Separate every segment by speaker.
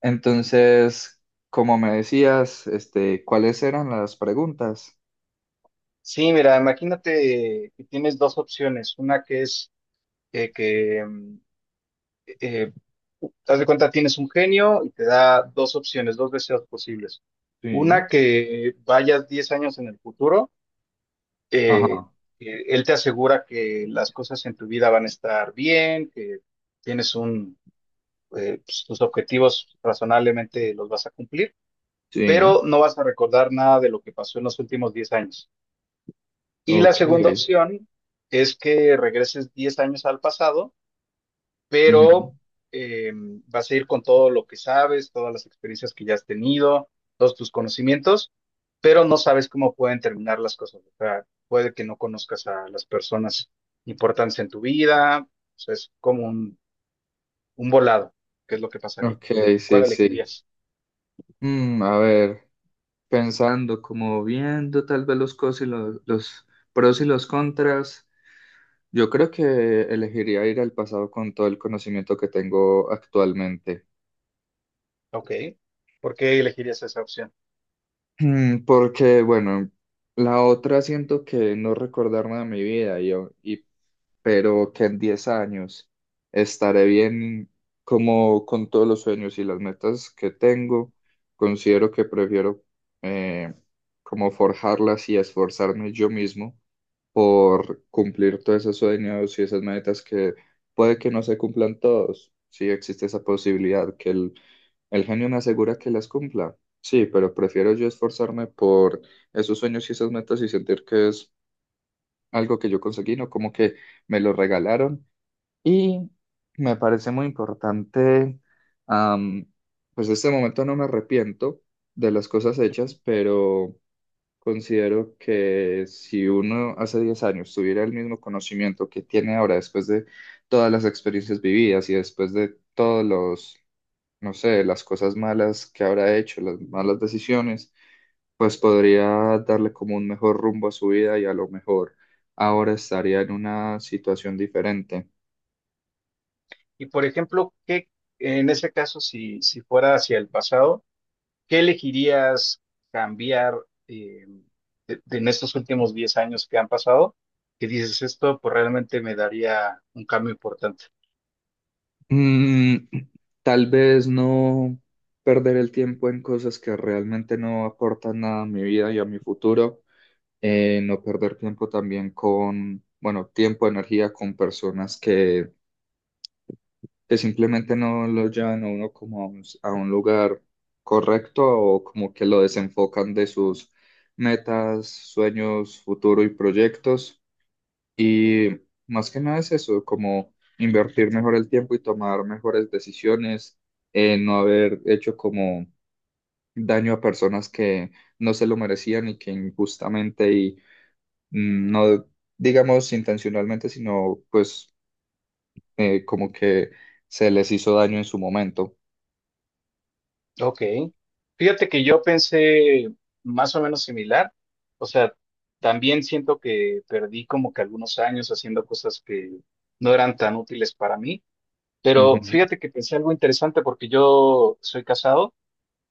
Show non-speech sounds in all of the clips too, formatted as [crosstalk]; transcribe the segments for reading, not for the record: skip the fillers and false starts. Speaker 1: Entonces, como me decías, este, ¿cuáles eran las preguntas?
Speaker 2: Sí, mira, imagínate que tienes dos opciones. Una que es eh, que, mm, eh, haz de cuenta, tienes un genio y te da dos opciones, dos deseos posibles.
Speaker 1: Sí.
Speaker 2: Una que vayas 10 años en el futuro, eh,
Speaker 1: Ajá,
Speaker 2: que él te asegura que las cosas en tu vida van a estar bien, que tienes pues, tus objetivos razonablemente los vas a cumplir,
Speaker 1: sí,
Speaker 2: pero no vas a recordar nada de lo que pasó en los últimos 10 años. Y la
Speaker 1: ok,
Speaker 2: segunda opción es que regreses 10 años al pasado,
Speaker 1: ujú,
Speaker 2: pero eh, vas a ir con todo lo que sabes, todas las experiencias que ya has tenido, todos tus conocimientos, pero no sabes cómo pueden terminar las cosas. O sea, puede que no conozcas a las personas importantes en tu vida. O sea, es como un volado, qué es lo que pasaría.
Speaker 1: ok,
Speaker 2: ¿Cuál
Speaker 1: sí, sí.
Speaker 2: elegirías?
Speaker 1: A ver, pensando, como viendo tal vez los pros y los contras, yo creo que elegiría ir al pasado con todo el conocimiento que tengo actualmente.
Speaker 2: Ok. ¿Por qué elegirías esa opción?
Speaker 1: Porque, bueno, la otra siento que no recordarme de mi vida y pero que en 10 años estaré bien, como con todos los sueños y las metas que tengo. Considero que prefiero, eh, como, forjarlas y esforzarme yo mismo por cumplir todos esos sueños y esas metas, que puede que no se cumplan todos. Sí, existe esa posibilidad que el genio me asegura que las cumpla. Sí, pero prefiero yo esforzarme por esos sueños y esas metas y sentir que es algo que yo conseguí, no como que me lo regalaron, y me parece muy importante, am, pues en este momento no me arrepiento de las cosas hechas,
Speaker 2: Ujú.
Speaker 1: pero considero que si uno hace 10 años tuviera el mismo conocimiento que tiene ahora, después de todas las experiencias vividas y después de todos los, no sé, las cosas malas que habrá hecho, las malas decisiones, pues podría darle como un mejor rumbo a su vida y a lo mejor ahora estaría en una situación diferente.
Speaker 2: Y por ejemplo, ¿qué en ese caso, si fuera hacia el pasado? ¿Qué elegirías cambiar eh, en estos últimos 10 años que han pasado? Que dices, esto pues realmente me daría un cambio importante.
Speaker 1: Mm, Tal vez no perder el tiempo en cosas que realmente no aportan nada a mi vida y a mi futuro. No perder tiempo también con, bueno, tiempo, energía con personas que simplemente no lo llevan a uno como a un lugar correcto, o como que lo desenfocan de sus metas, sueños, futuro y proyectos. Y más que nada es eso, como invertir mejor el tiempo y tomar mejores decisiones, no haber hecho como daño a personas que no se lo merecían y que injustamente y, no digamos intencionalmente, sino pues, como que se les hizo daño en su momento.
Speaker 2: Ok. Fíjate que yo pensé más o menos similar. O sea, también siento que perdí como que algunos años haciendo cosas que no eran tan útiles para mí. Pero
Speaker 1: Ujú.
Speaker 2: fíjate que pensé algo interesante porque yo soy casado.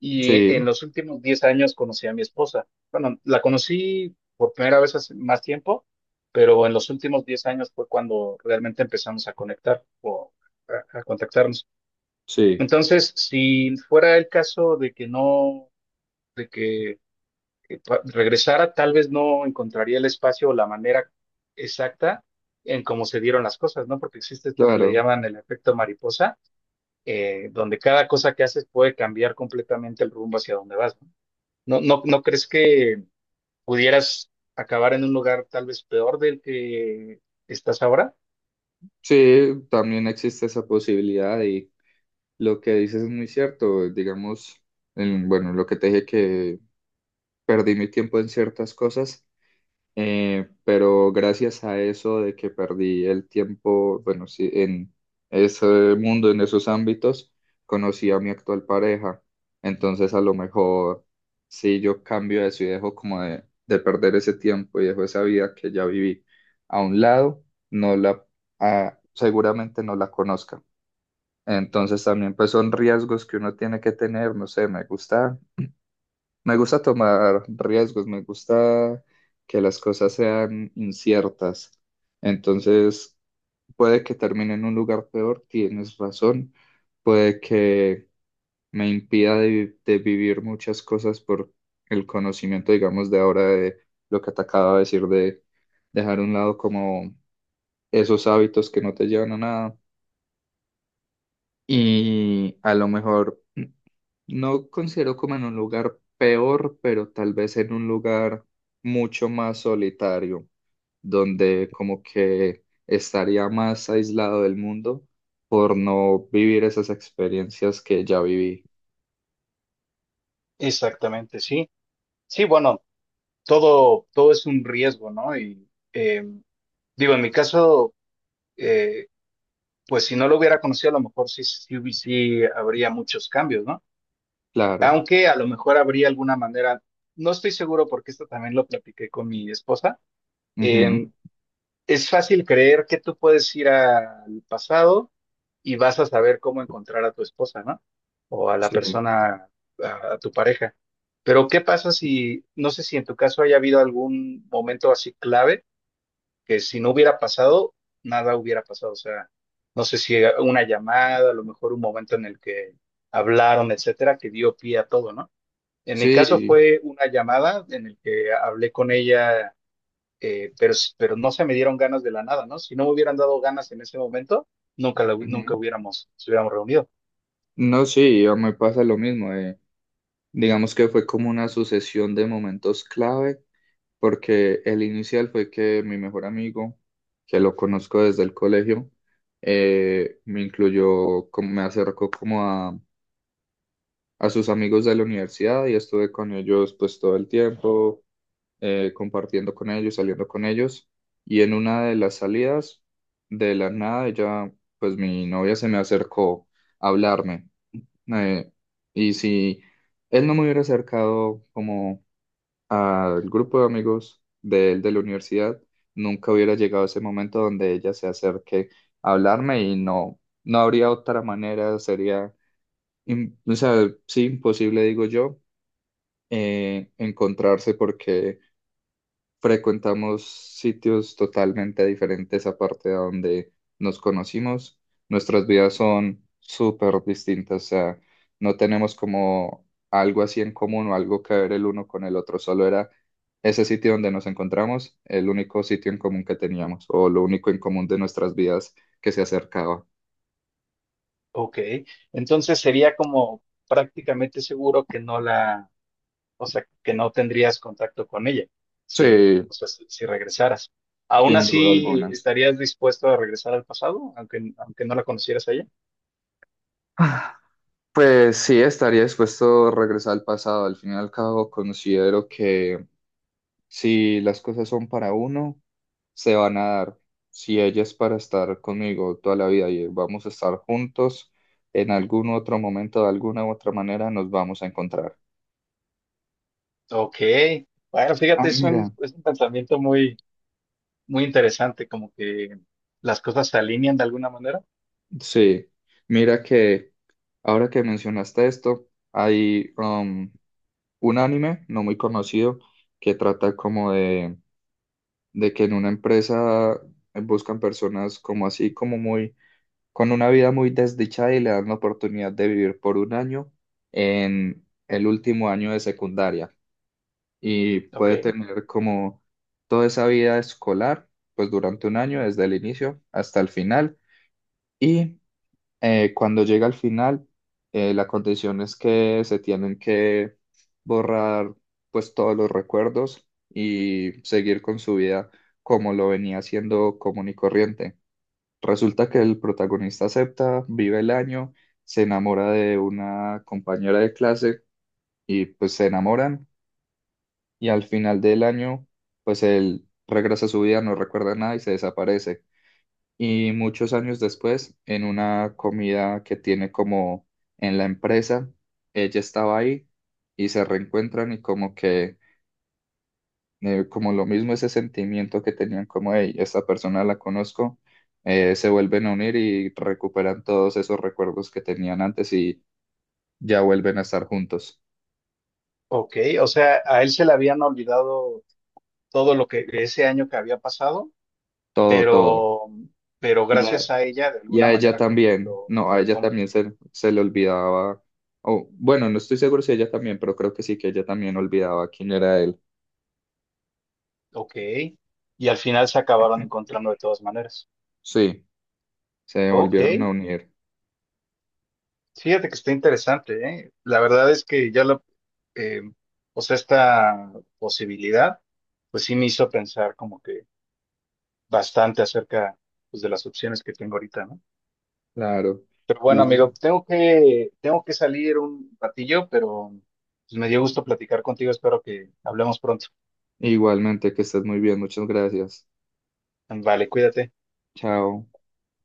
Speaker 2: Y en
Speaker 1: Sí,
Speaker 2: los últimos 10 años conocí a mi esposa. Bueno, la conocí por primera vez hace más tiempo, pero en los últimos 10 años fue cuando realmente empezamos a conectar o a contactarnos.
Speaker 1: sí,
Speaker 2: Entonces, si fuera el caso de que no, de que regresara, tal vez no encontraría el espacio o la manera exacta en cómo se dieron las cosas, ¿no? Porque existe esto que le
Speaker 1: claro.
Speaker 2: llaman el efecto mariposa, donde cada cosa que haces puede cambiar completamente el rumbo hacia donde vas, ¿no? ¿No, no, no crees que pudieras acabar en un lugar tal vez peor del que estás ahora?
Speaker 1: Sí, también existe esa posibilidad y lo que dices es muy cierto. Digamos bueno, lo que te dije, que perdí mi tiempo en ciertas cosas, pero gracias a eso, de que perdí el tiempo, bueno, sí, en ese mundo, en esos ámbitos, conocí a mi actual pareja. Entonces, a lo mejor, si yo cambio eso y dejo como de perder ese tiempo y dejo esa vida que ya viví a un lado, no la, seguramente no la conozca. Entonces, también pues son riesgos que uno tiene que tener, no sé, me gusta tomar riesgos, me gusta que las cosas sean inciertas. Entonces, puede que termine en un lugar peor, tienes razón. Puede que me impida de vivir muchas cosas por el conocimiento, digamos, de ahora, de lo que te acabo de decir, de dejar a un lado como esos hábitos que no te llevan a nada. Y a lo mejor [clears throat] no considero como en un lugar peor, pero tal vez en un lugar mucho más solitario, donde como que estaría más aislado del mundo por no vivir esas experiencias que ya viví.
Speaker 2: Exactamente, sí. Sí, bueno, todo es un riesgo, ¿no? Y eh, digo, en mi caso, eh, pues si no lo hubiera conocido, a lo mejor sí, sí, sí habría muchos cambios, ¿no?
Speaker 1: Claro.
Speaker 2: Aunque a lo mejor habría alguna manera, no estoy seguro porque esto también lo platiqué con mi esposa.
Speaker 1: Ujú.
Speaker 2: em, Es fácil creer que tú puedes ir al pasado y vas a saber cómo encontrar a tu esposa, ¿no? O a la
Speaker 1: Sí,
Speaker 2: persona, a tu pareja. Pero ¿qué pasa si, no sé si en tu caso haya habido algún momento así clave que si no hubiera pasado, nada hubiera pasado? O sea, no sé si una llamada, a lo mejor un momento en el que hablaron, etcétera, que dio pie a todo, ¿no? En mi caso
Speaker 1: sí.
Speaker 2: fue una llamada en el que hablé con ella, pero no se me dieron ganas de la nada, ¿no? Si no me hubieran dado ganas en ese momento, nunca, la hu-
Speaker 1: Ujú.
Speaker 2: nunca hubiéramos reunido.
Speaker 1: No, sí, a mí me pasa lo mismo. Digamos que fue como una sucesión de momentos clave, porque el inicial fue que mi mejor amigo, que lo conozco desde el colegio, me incluyó, como, me acercó como a sus amigos de la universidad, y estuve con ellos pues todo el tiempo, compartiendo con ellos, saliendo con ellos. Y en una de las salidas, de la nada, pues mi novia se me acercó a hablarme. eh, y si él no me hubiera acercado como al grupo de amigos de él de la universidad, nunca hubiera llegado ese momento donde ella se acerque a hablarme, y no, no habría otra manera. Sería, o sea, sí, imposible, digo yo, encontrarse, porque frecuentamos sitios totalmente diferentes aparte de donde nos conocimos. Nuestras vidas son súper distintas, o sea, no tenemos como algo así en común o algo que ver el uno con el otro. Solo era ese sitio donde nos encontramos, el único sitio en común que teníamos, o lo único en común de nuestras vidas que se acercaba.
Speaker 2: Ok, entonces sería como prácticamente seguro que no la, o sea, que no tendrías contacto con ella,
Speaker 1: Sí,
Speaker 2: si regresaras. ¿Aún
Speaker 1: sin duda
Speaker 2: así
Speaker 1: alguna.
Speaker 2: estarías dispuesto a regresar al pasado, aunque no la conocieras a ella?
Speaker 1: [sighs] Pues sí, estaría dispuesto a regresar al pasado. Al fin y al cabo, considero que si las cosas son para uno, se van a dar. Si ella es para estar conmigo toda la vida y vamos a estar juntos, en algún otro momento, de alguna u otra manera, nos vamos a encontrar.
Speaker 2: Ok, bueno,
Speaker 1: Ah,
Speaker 2: fíjate,
Speaker 1: mira,
Speaker 2: es un pensamiento muy, muy interesante, como que las cosas se alinean de alguna manera.
Speaker 1: sí, mira que ahora que mencionaste esto, hay, un anime no muy conocido, que trata como de que en una empresa buscan personas como así, como muy, con una vida muy desdichada, y le dan la oportunidad de vivir por un año, en el último año de secundaria, y
Speaker 2: Ok.
Speaker 1: puede tener como toda esa vida escolar, pues durante un año, desde el inicio hasta el final. Y, cuando llega al final, la condición es que se tienen que borrar pues todos los recuerdos y seguir con su vida como lo venía haciendo común y corriente. Resulta que el protagonista acepta, vive el año, se enamora de una compañera de clase, y pues se enamoran, y al final del año pues él regresa a su vida, no recuerda nada y se desaparece. Y muchos años después, en una comida que tiene como en la empresa, ella estaba ahí, y se reencuentran, y como que, como lo mismo, ese sentimiento que tenían como, hey, esta persona la conozco, se vuelven a unir y recuperan todos esos recuerdos que tenían antes, y ya vuelven a estar juntos.
Speaker 2: Ok, o sea, a él se le habían olvidado todo lo que ese año que había pasado,
Speaker 1: Todo, todo.
Speaker 2: pero, pero
Speaker 1: Y
Speaker 2: gracias
Speaker 1: a,
Speaker 2: a ella de
Speaker 1: y
Speaker 2: alguna
Speaker 1: a ella
Speaker 2: manera como que
Speaker 1: también,
Speaker 2: lo
Speaker 1: no, a ella
Speaker 2: retoman.
Speaker 1: también se le olvidaba, o bueno, no estoy seguro si ella también, pero creo que sí, que ella también olvidaba quién era él.
Speaker 2: Ok, y al final se acabaron encontrando de todas maneras.
Speaker 1: Sí, se
Speaker 2: Ok,
Speaker 1: volvieron a unir.
Speaker 2: fíjate que está interesante, ¿eh? La verdad es que eh, o sea, esta posibilidad, pues sí me hizo pensar como que bastante acerca pues, de las opciones que tengo ahorita, ¿no?
Speaker 1: Claro.
Speaker 2: Pero bueno,
Speaker 1: Y
Speaker 2: amigo, tengo que salir un ratillo, pero pues, me dio gusto platicar contigo. Espero que hablemos pronto.
Speaker 1: igualmente, que estés muy bien, muchas gracias.
Speaker 2: Vale, cuídate.
Speaker 1: Chao.